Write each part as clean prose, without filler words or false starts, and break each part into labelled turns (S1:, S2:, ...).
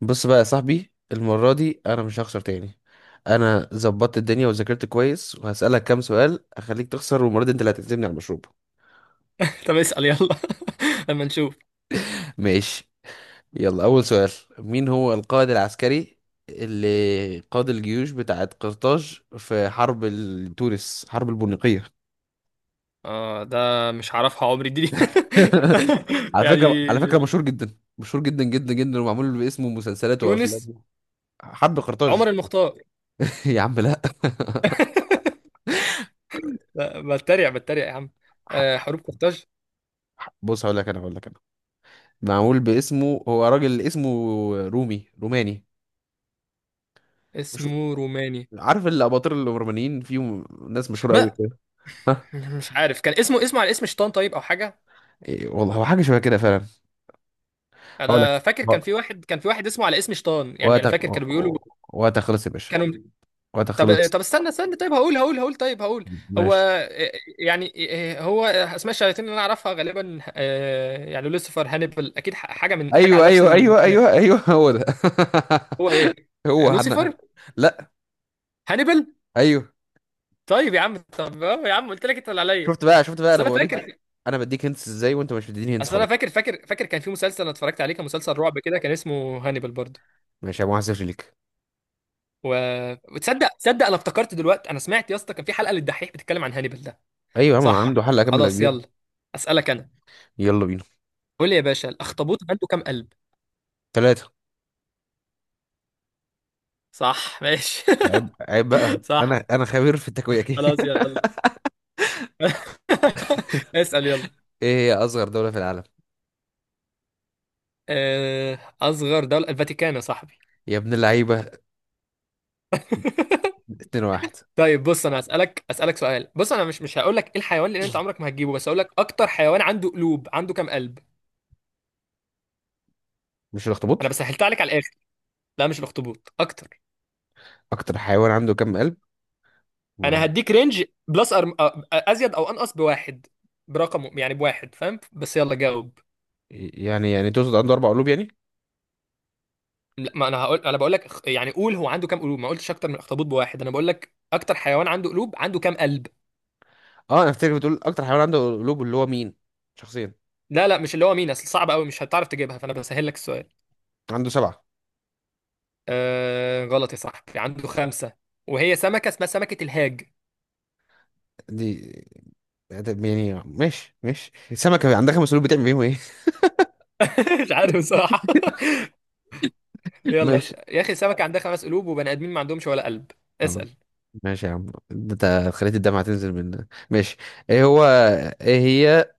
S1: بص بقى يا صاحبي، المرة دي أنا مش هخسر تاني. أنا ظبطت الدنيا وذاكرت كويس، وهسألك كام سؤال أخليك تخسر، والمرة دي أنت اللي هتعزمني على المشروب.
S2: طب اسأل يلا. اما نشوف.
S1: ماشي. يلا أول سؤال. مين هو القائد العسكري اللي قاد الجيوش بتاعت قرطاج في حرب ال- تونس حرب البونيقية؟
S2: اه، ده مش هعرفها عمري دي. دي.
S1: على فكرة
S2: يعني
S1: على فكرة مشهور جدا، مشهور جدا جدا جدا، ومعمول باسمه مسلسلات
S2: تونس.
S1: وأفلام. حرب قرطاج.
S2: عمر المختار.
S1: يا عم لا.
S2: لا، بتريق بتريق يا عم. آه، حروب قرطاج.
S1: بص، هقول لك أنا. معمول باسمه، هو راجل اسمه رومي، روماني. مش
S2: اسمه روماني
S1: عارف الاباطرة الرومانيين فيهم ناس مشهورة قوي
S2: بقى.
S1: كده. ها.
S2: مش عارف، كان اسمه على اسم شيطان طيب، او حاجه.
S1: إيه والله، هو حاجة شبه كده فعلا. هقول لك.
S2: انا فاكر كان في واحد اسمه على اسم شيطان، يعني انا
S1: وقتك
S2: فاكر كانوا بيقولوا
S1: وقتك خلص يا باشا.
S2: كانوا.
S1: وقتك
S2: طب،
S1: خلص.
S2: طب استنى استنى، طيب هقول هو
S1: ماشي.
S2: يعني هو اسماء الشياطين اللي انا اعرفها غالبا، يعني لوسيفر، هانيبال اكيد، حاجه من حاجه على
S1: ايوه
S2: نفس
S1: ايوه ايوه
S2: المقياس.
S1: ايوه ايوه، هو ده.
S2: هو ايه؟
S1: هو حد.
S2: لوسيفر
S1: لا.
S2: هانيبال.
S1: ايوه.
S2: طيب يا عم، طب يا عم قلت لك انت اللي عليا.
S1: شفت بقى،
S2: اصل
S1: انا
S2: انا
S1: بوريك.
S2: فاكر
S1: انا بديك هنس ازاي وانت مش بتديني هنس؟
S2: اصل انا
S1: خلاص،
S2: فاكر فاكر فاكر كان في مسلسل انا اتفرجت عليه، كان مسلسل رعب كده، كان اسمه هانيبال برضه.
S1: ماشي يا ابو حسن ليك.
S2: و... وتصدق انا افتكرت دلوقتي، انا سمعت يا اسطى كان في حلقه للدحيح بتتكلم عن هانيبال ده.
S1: ايوه يا عم،
S2: صح
S1: عنده حلقة كاملة
S2: خلاص،
S1: كبيرة.
S2: يلا اسالك انا.
S1: يلا بينا.
S2: قول لي يا باشا، الاخطبوط عنده كام قلب؟
S1: ثلاثة.
S2: صح ماشي.
S1: عيب عيب بقى، انا
S2: صح
S1: انا خبير في التكويكي.
S2: خلاص يلا. اسأل يلا.
S1: ايه هي اصغر دولة في العالم؟
S2: أصغر دولة الفاتيكان يا صاحبي.
S1: يا ابن اللعيبة. 2 واحد.
S2: طيب بص، أنا أسألك سؤال. بص، أنا مش هقول لك إيه الحيوان، لأن أنت عمرك ما هتجيبه، بس هقول لك أكتر حيوان عنده قلوب عنده كام قلب.
S1: مش
S2: أنا
S1: الاخطبوط؟
S2: بس سهلت عليك على الآخر. لا مش الأخطبوط، أكتر.
S1: اكتر حيوان عنده كم قلب؟ ما هو،
S2: أنا هديك رينج بلس أزيد أو أنقص بواحد. برقم يعني بواحد، فاهم؟ بس يلا جاوب.
S1: يعني تقصد عنده اربع قلوب يعني؟
S2: لا، ما انا هقول، انا بقول لك، يعني قول هو عنده كام قلوب. ما قلتش اكتر من اخطبوط بواحد، انا بقول لك اكتر حيوان عنده قلوب عنده كام قلب.
S1: اه، انا افتكر بتقول اكتر حيوان عنده قلوب اللي هو مين، شخصيا.
S2: لا لا، مش اللي هو مين، اصل صعب قوي مش هتعرف تجيبها، فانا بسهل لك السؤال.
S1: عنده سبعة.
S2: آه غلط يا صاحبي، عنده خمسة، وهي سمكة اسمها سمكة الهاج.
S1: دي. ده يعني ماشي ماشي، السمكة عندها خمس قلوب بتعمل بيهم ايه؟
S2: مش عارف بصراحة. يلا
S1: ماشي.
S2: يا اخي، سمكة عندها خمس قلوب، وبني ادمين ما عندهمش ولا قلب.
S1: خلاص،
S2: اسأل.
S1: ماشي يا عم، ده انت خليت الدمعة تنزل من. ماشي. ايه هو، ايه هي،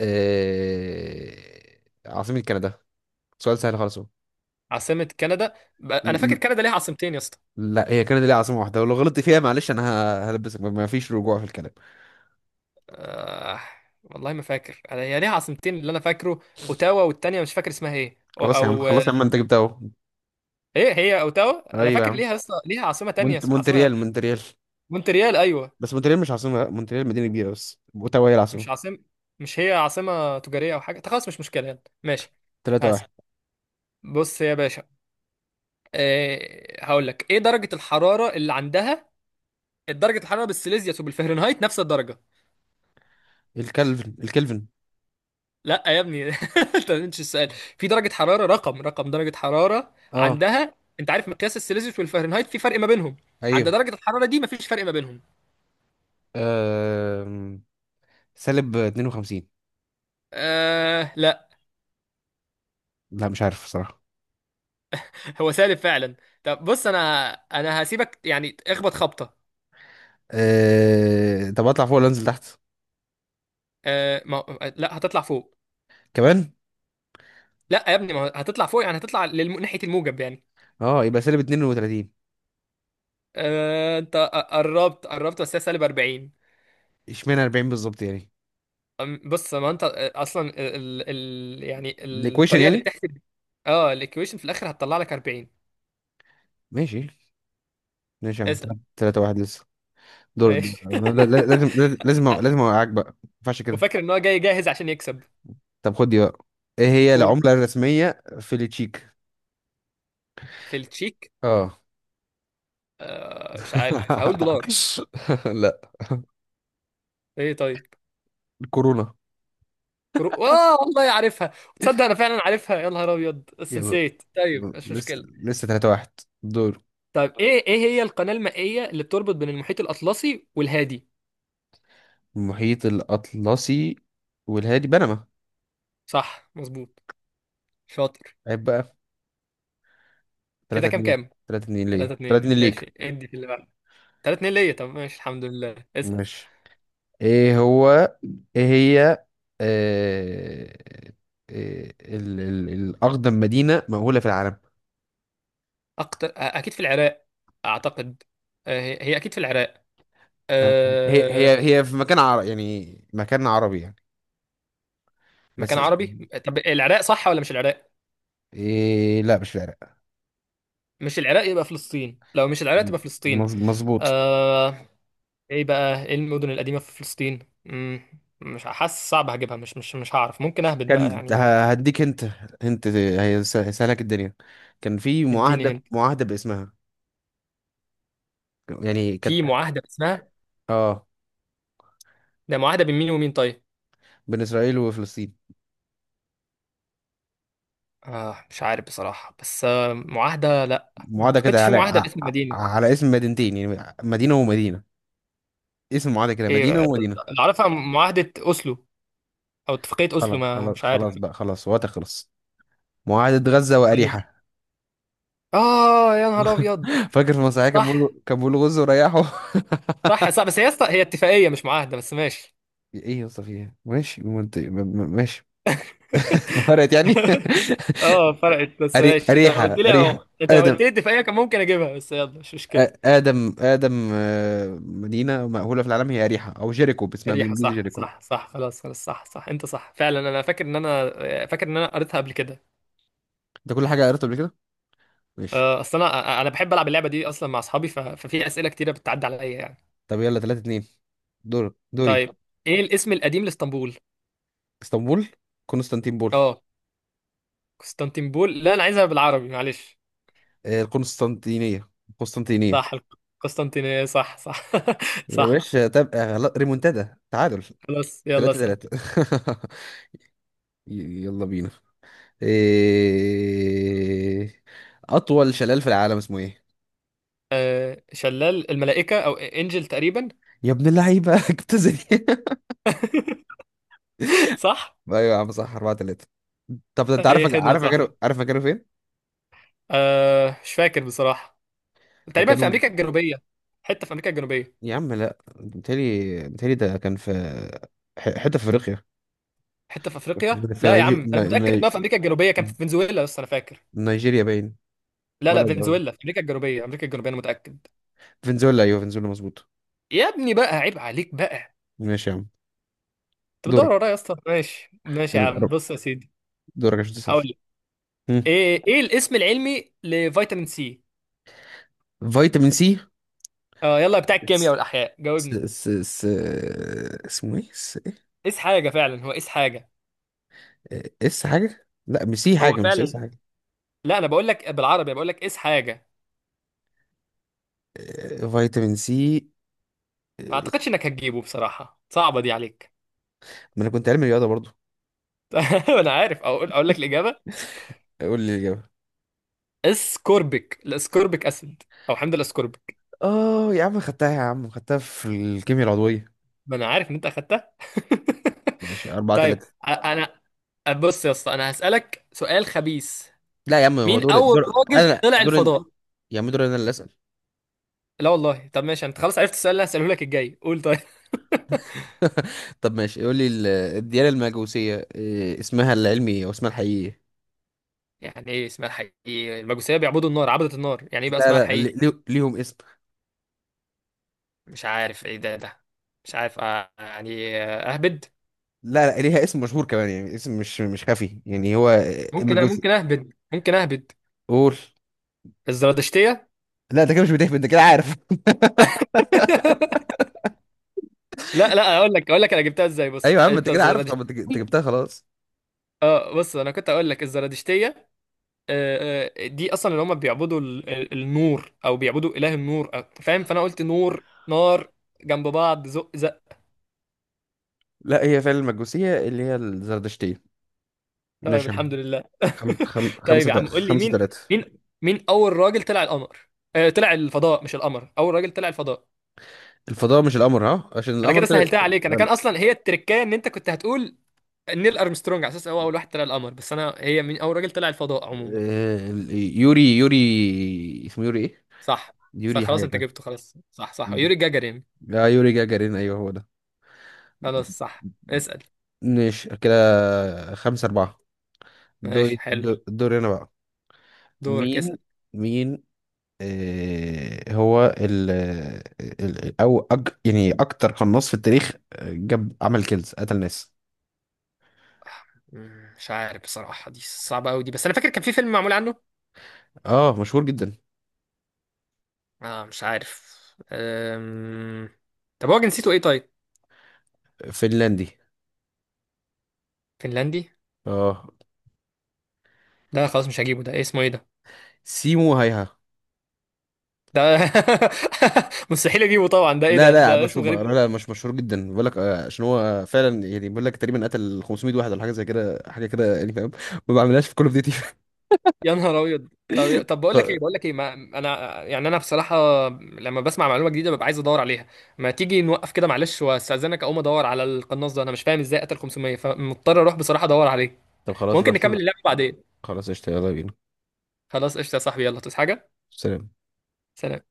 S1: آه، عاصمة كندا. سؤال سهل خالص اهو.
S2: عاصمة كندا؟
S1: ل-
S2: انا فاكر
S1: ل-
S2: كندا ليها عاصمتين يا اسطى.
S1: لا، هي كانت ليها عاصمة واحدة، ولو غلطت فيها معلش انا هلبسك، ما فيش رجوع في الكلام.
S2: آه والله ما فاكر هي ليها عاصمتين اللي انا فاكره، اوتاوا، والتانية مش فاكر اسمها ايه.
S1: خلاص يا عم،
S2: او
S1: خلاص يا عم، انت جبتها اهو.
S2: ايه، هي اوتاوا، انا
S1: ايوه يا
S2: فاكر
S1: عم.
S2: ليها لسه، ليها عاصمه تانية
S1: مونت
S2: اسمها عاصمه.
S1: مونتريال مونتريال
S2: مونتريال ايوه.
S1: بس مونتريال مش عاصمة. لا، مونتريال مدينة كبيرة، بس اوتاوا هي العاصمة.
S2: مش عاصمه؟ مش هي عاصمه تجاريه او حاجه؟ طب خلاص مش مشكله، يلا ماشي.
S1: 3
S2: اسف.
S1: واحد.
S2: بص يا باشا، إيه هقول لك ايه درجه الحراره اللي عندها درجه الحراره بالسيليزيوس وبالفهرنهايت نفس الدرجه؟
S1: الكلفن.
S2: لا يا ابني. انت مش السؤال. في درجه حراره رقم، رقم درجه حراره
S1: اه.
S2: عندها. انت عارف مقياس السيليزيوس والفهرنهايت في فرق ما بينهم؟
S1: ايوه.
S2: عند درجه الحراره دي مفيش فرق ما بينهم.
S1: أم... سالب 52.
S2: آه لا،
S1: لا، مش عارف الصراحة.
S2: هو سالب فعلا. طب بص، انا هسيبك يعني، اخبط خبطه.
S1: طب اطلع فوق ولا انزل تحت؟
S2: أه ما... لا هتطلع فوق.
S1: كمان.
S2: لا يا ابني، ما هو هتطلع فوق، يعني هتطلع ناحيه الموجب يعني.
S1: اه، يبقى سالب 32.
S2: أه انت قربت قربت، بس هي سالب 40.
S1: اشمعنى 40 بالظبط يعني؟
S2: بص ما انت، اصلا يعني
S1: الايكويشن
S2: الطريقه اللي
S1: يعني؟
S2: بتحسب. اه الايكويشن، في الاخر هتطلع لك 40.
S1: ماشي، ماشي يا عم.
S2: اسال.
S1: تلاتة واحد لسه. دور دور-
S2: ماشي.
S1: لا- لا- لازم لازم اوقعك بقى، ما ينفعش كده.
S2: وفاكر ان هو جاي جاهز عشان يكسب.
S1: طب خد دي بقى. ايه هي
S2: قول.
S1: العملة الرسمية في التشيك؟
S2: في التشيك؟
S1: اه.
S2: مش عارف، هقول دولار.
S1: لا،
S2: ايه طيب.
S1: الكورونا.
S2: كرو اه والله عارفها. تصدق انا فعلا عارفها، يا نهار ابيض، بس
S1: يلا.
S2: نسيت، طيب
S1: يلا.
S2: مش
S1: لسه
S2: مشكله.
S1: لسه تلاتة واحد. دور.
S2: طيب ايه، ايه هي القناه المائيه اللي بتربط بين المحيط الاطلسي والهادي؟
S1: المحيط الأطلسي والهادي، بنما.
S2: صح مظبوط، شاطر.
S1: عيب بقى. تلاتة
S2: كده كام
S1: اتنين.
S2: كام؟
S1: تلاتة اتنين
S2: 3
S1: ليه؟ تلاتة
S2: 2
S1: اتنين ليك.
S2: ماشي، ادي في اللي بعد. 3-2 ليا، طب ماشي الحمد لله، اسال.
S1: ماشي. ايه هو، ايه هي، آه آه ال ال الاقدم مدينه مأهوله في العالم.
S2: اكتر اكيد في العراق اعتقد. هي اكيد في العراق.
S1: آه، هي
S2: أه...
S1: هي هي في مكان عربي يعني بس
S2: مكان
S1: مش.
S2: عربي. طب العراق صح ولا مش العراق؟
S1: إيه، لا مش في العراق.
S2: مش العراق يبقى فلسطين، لو مش العراق تبقى فلسطين.
S1: مظبوط.
S2: أه... ايه بقى، ايه المدن القديمة في فلسطين؟ مم. مش حاسس، صعب هجيبها، مش هعرف، ممكن اهبط بقى
S1: كان
S2: يعني.
S1: هديك انت، انت هي هيسهلك الدنيا. كان في
S2: اديني
S1: معاهده
S2: هنا.
S1: معاهده باسمها، يعني كانت.
S2: في معاهدة اسمها؟
S1: اه.
S2: ده معاهدة بين مين ومين طيب؟
S1: بين اسرائيل وفلسطين.
S2: آه مش عارف بصراحة، بس آه معاهدة، لا ما
S1: معاهده
S2: اعتقدش
S1: كده
S2: في
S1: على
S2: معاهدة
S1: ع-
S2: باسم
S1: ع-
S2: مدينة.
S1: على اسم مدينتين، يعني مدينه ومدينه. اسم معاهده كده،
S2: ايه
S1: مدينه ومدينه.
S2: اللي اعرفها، معاهدة اوسلو او اتفاقية اوسلو،
S1: خلاص
S2: ما
S1: خلاص
S2: مش عارف.
S1: خلاص بقى، خلاص، وقت خلص. معاهدة غزة
S2: أيوة.
S1: وأريحة.
S2: اه يا نهار ابيض.
S1: فاكر في المسرحية كان بيقول
S2: صح
S1: كان بيقول غزة وريحه.
S2: صح صح، بس هي اتفاقية مش معاهدة، بس ماشي.
S1: ايه يا اسطى، في ايه، ماشي منطقي، ماشي. ما فرقت يعني.
S2: اه فرقت، بس
S1: أري...
S2: ماشي، انت لو
S1: أريحة
S2: قلت لي
S1: أريحة
S2: انت لو
S1: آدم،
S2: قلت لي دفاعية كان ممكن اجيبها، بس يلا مش مشكلة.
S1: آدم. مدينة مأهولة في العالم هي أريحة، أو جيريكو باسمها
S2: ريحة
S1: بالإنجليزي،
S2: صح
S1: جيريكو.
S2: صح صح، خلاص خلاص، صح صح، انت صح فعلا، انا فاكر ان انا فاكر ان انا قريتها قبل كده.
S1: أنت كل حاجة قريتها قبل كده؟ ماشي.
S2: اصل انا بحب العب اللعبة دي اصلا مع اصحابي، ففي اسئلة كتيرة بتعدي عليا يعني.
S1: طب يلا، 3 2. دوري.
S2: طيب ايه الاسم القديم لاسطنبول؟
S1: اسطنبول. قسطنطينبول.
S2: اه قسطنطينبول. لا انا عايزها بالعربي معلش.
S1: القسطنطينية. قسطنطينية.
S2: صح، القسطنطينية صح صح.
S1: يا
S2: صح
S1: باشا تبقى غلط، ريمونتادا، تعادل.
S2: خلاص، يلا
S1: تلاتة
S2: اسأل.
S1: تلاتة. يلا بينا. إيه... أطول شلال في العالم اسمه إيه؟
S2: شلال الملائكة او انجل تقريبا.
S1: يا ابن اللعيبة. جبت زي.
S2: صح.
S1: أيوة يا عم، صح. أربعة تلاتة. طب أنت عارف،
S2: اي خدمه
S1: عارف
S2: صح.
S1: مكانه عارف مكانه فين؟
S2: أه مش فاكر بصراحه، تقريبا في
S1: مكانه.
S2: امريكا الجنوبيه، حته في امريكا الجنوبيه.
S1: يا عم لا، متهيألي ده كان في حتة في أفريقيا.
S2: حته في افريقيا؟
S1: في
S2: لا يا
S1: نيجي...
S2: عم، انا
S1: ن-
S2: متاكد انها في
S1: ني...
S2: امريكا الجنوبيه، كان في فنزويلا بس انا فاكر.
S1: نيجيريا باين.
S2: لا لا،
S1: ولا ده-
S2: فنزويلا في امريكا الجنوبيه، امريكا الجنوبيه انا متاكد.
S1: فنزويلا، أيوة فنزويلا، مظبوط.
S2: يا ابني بقى، عيب عليك بقى،
S1: ماشي يا عم.
S2: انت
S1: دورك.
S2: بتدور ورايا يا اسطى، ماشي ماشي يا عم،
S1: يلا،
S2: بص يا سيدي.
S1: دورك عشان تسأل.
S2: هقول لك،
S1: مم.
S2: ايه ايه الاسم العلمي لفيتامين سي؟
S1: فيتامين
S2: اه يلا، بتاع
S1: سي.
S2: الكيمياء والاحياء
S1: س
S2: جاوبني.
S1: س س اسمه ايه، س؟
S2: قيس حاجه فعلا، هو قيس حاجه.
S1: ايه اس حاجة، لا مش سي
S2: هو
S1: حاجة، مش اس
S2: فعلا،
S1: حاجة.
S2: لا انا بقول لك بالعربي، بقول لك قيس حاجه.
S1: فيتامين سي.
S2: ما
S1: آه،
S2: اعتقدش انك هتجيبه بصراحة، صعبة دي عليك.
S1: ما انا كنت علمي رياضة برضو.
S2: انا عارف، اقول لك الاجابة.
S1: قول لي الإجابة.
S2: اسكوربيك، الاسكوربيك اسيد، او حمض الاسكوربيك.
S1: اه يا عم خدتها في الكيمياء العضوية.
S2: ما انا عارف ان انت اخدتها.
S1: ماشي، أربعة
S2: طيب
S1: تلاتة.
S2: انا بص يا اسطى، انا هسألك سؤال خبيث.
S1: لا يا عم، هو
S2: مين
S1: دور
S2: اول
S1: دور
S2: راجل
S1: انا
S2: طلع
S1: دور.
S2: الفضاء؟
S1: يا عم دور، انا اللي اسأل.
S2: لا والله، طب ماشي، انت خلاص عرفت السؤال اللي هسأله لك الجاي، قول طيب.
S1: طب ماشي، قول لي الديانة المجوسية، اسمها العلمي، او اسمها الحقيقي.
S2: يعني ايه اسمها الحقيقي؟ المجوسية بيعبدوا النار، عبدة النار، يعني ايه بقى
S1: لا
S2: اسمها
S1: لا، لي-
S2: الحقيقي؟
S1: لي- ليهم اسم.
S2: مش عارف ايه ده ده. مش عارف، يعني اهبد
S1: لا لا، ليها اسم مشهور كمان، يعني اسم مش خفي يعني، هو.
S2: ممكن
S1: المجوس.
S2: ممكن اهبد ممكن اهبد.
S1: قول.
S2: الزرادشتيه.
S1: لا، انت كده مش بتهبد، انت كده عارف.
S2: لا لا اقول لك، اقول لك انا جبتها ازاي، بص
S1: ايوه يا عم، انت
S2: انت
S1: كده عارف خلاص،
S2: الزرادشتيه.
S1: انت جبتها خلاص.
S2: اه بص، انا كنت اقول لك الزرادشتيه، دي اصلا اللي هم بيعبدوا النور او بيعبدوا اله النور، فاهم فانا قلت نور نار جنب بعض زق زق.
S1: لا، هي فعلا المجوسية اللي هي الزردشتية.
S2: طيب
S1: نشم.
S2: الحمد لله.
S1: خم... خم...
S2: طيب
S1: خمسة
S2: يا
S1: تا-
S2: عم قول لي
S1: خمسة
S2: مين،
S1: تلاتة.
S2: مين اول راجل طلع القمر، طلع الفضاء مش القمر، اول راجل طلع الفضاء.
S1: الفضاء، مش القمر، ها؟ عشان
S2: انا
S1: القمر
S2: كده سهلتها عليك، انا كان
S1: ال-
S2: اصلا هي التركية، ان انت كنت هتقول نيل ارمسترونج على اساس هو اول واحد طلع القمر، بس انا هي من اول راجل طلع الفضاء عموما.
S1: ال- يوري اسمه يوري ايه؟
S2: صح صح،
S1: يوري
S2: خلاص
S1: حاجة
S2: انت
S1: كده.
S2: جبته، خلاص صح صح، يوري جاجارين.
S1: لا، يوري جاجارين، ايوه هو ده.
S2: خلاص صح، اسال.
S1: ماشي كده، خمسة أربعة.
S2: ماشي
S1: دوري
S2: حلو.
S1: دو- دوري أنا بقى.
S2: دورك
S1: مين
S2: اسال.
S1: مين، آه، هو ال ال- او أج يعني اكتر قناص في التاريخ، جاب عمل كيلز، قتل ناس.
S2: مش عارف بصراحه، دي صعبه قوي دي، بس انا فاكر كان في فيلم معمول عنه.
S1: اه، مشهور جدا.
S2: اه مش عارف. أم... طب هو جنسيته ايه طيب؟
S1: فنلندي.
S2: فنلندي.
S1: اه.
S2: لا خلاص مش هجيبه ده، إيه اسمه ايه ده
S1: سيمو هايها.
S2: ده. مستحيل اجيبه طبعا، ده ايه
S1: لا
S2: ده،
S1: لا
S2: ده اسمه
S1: بشوف
S2: غريب.
S1: لا لا مش مشهور جدا بقول لك، عشان هو فعلا يعني، بقول لك تقريبا قتل 500 واحد ولا حاجه زي كده، حاجه كده يعني، فاهم؟ ما بعملهاش في كل اوف ديوتي.
S2: يا نهار ابيض. طب بقول لك ايه بقول لك ايه ما انا يعني انا بصراحه لما بسمع معلومه جديده ببقى عايز ادور عليها. ما تيجي نوقف كده معلش، واستاذنك اقوم ادور على القناص ده، انا مش فاهم ازاي قتل 500، فمضطر اروح بصراحه ادور عليه.
S1: طب خلاص،
S2: ممكن
S1: روح
S2: نكمل
S1: شوف.
S2: اللعبه بعدين.
S1: خلاص قشطة، يلا بينا.
S2: خلاص قشطه يا صاحبي، يلا تصحى حاجه.
S1: سلام.
S2: سلام.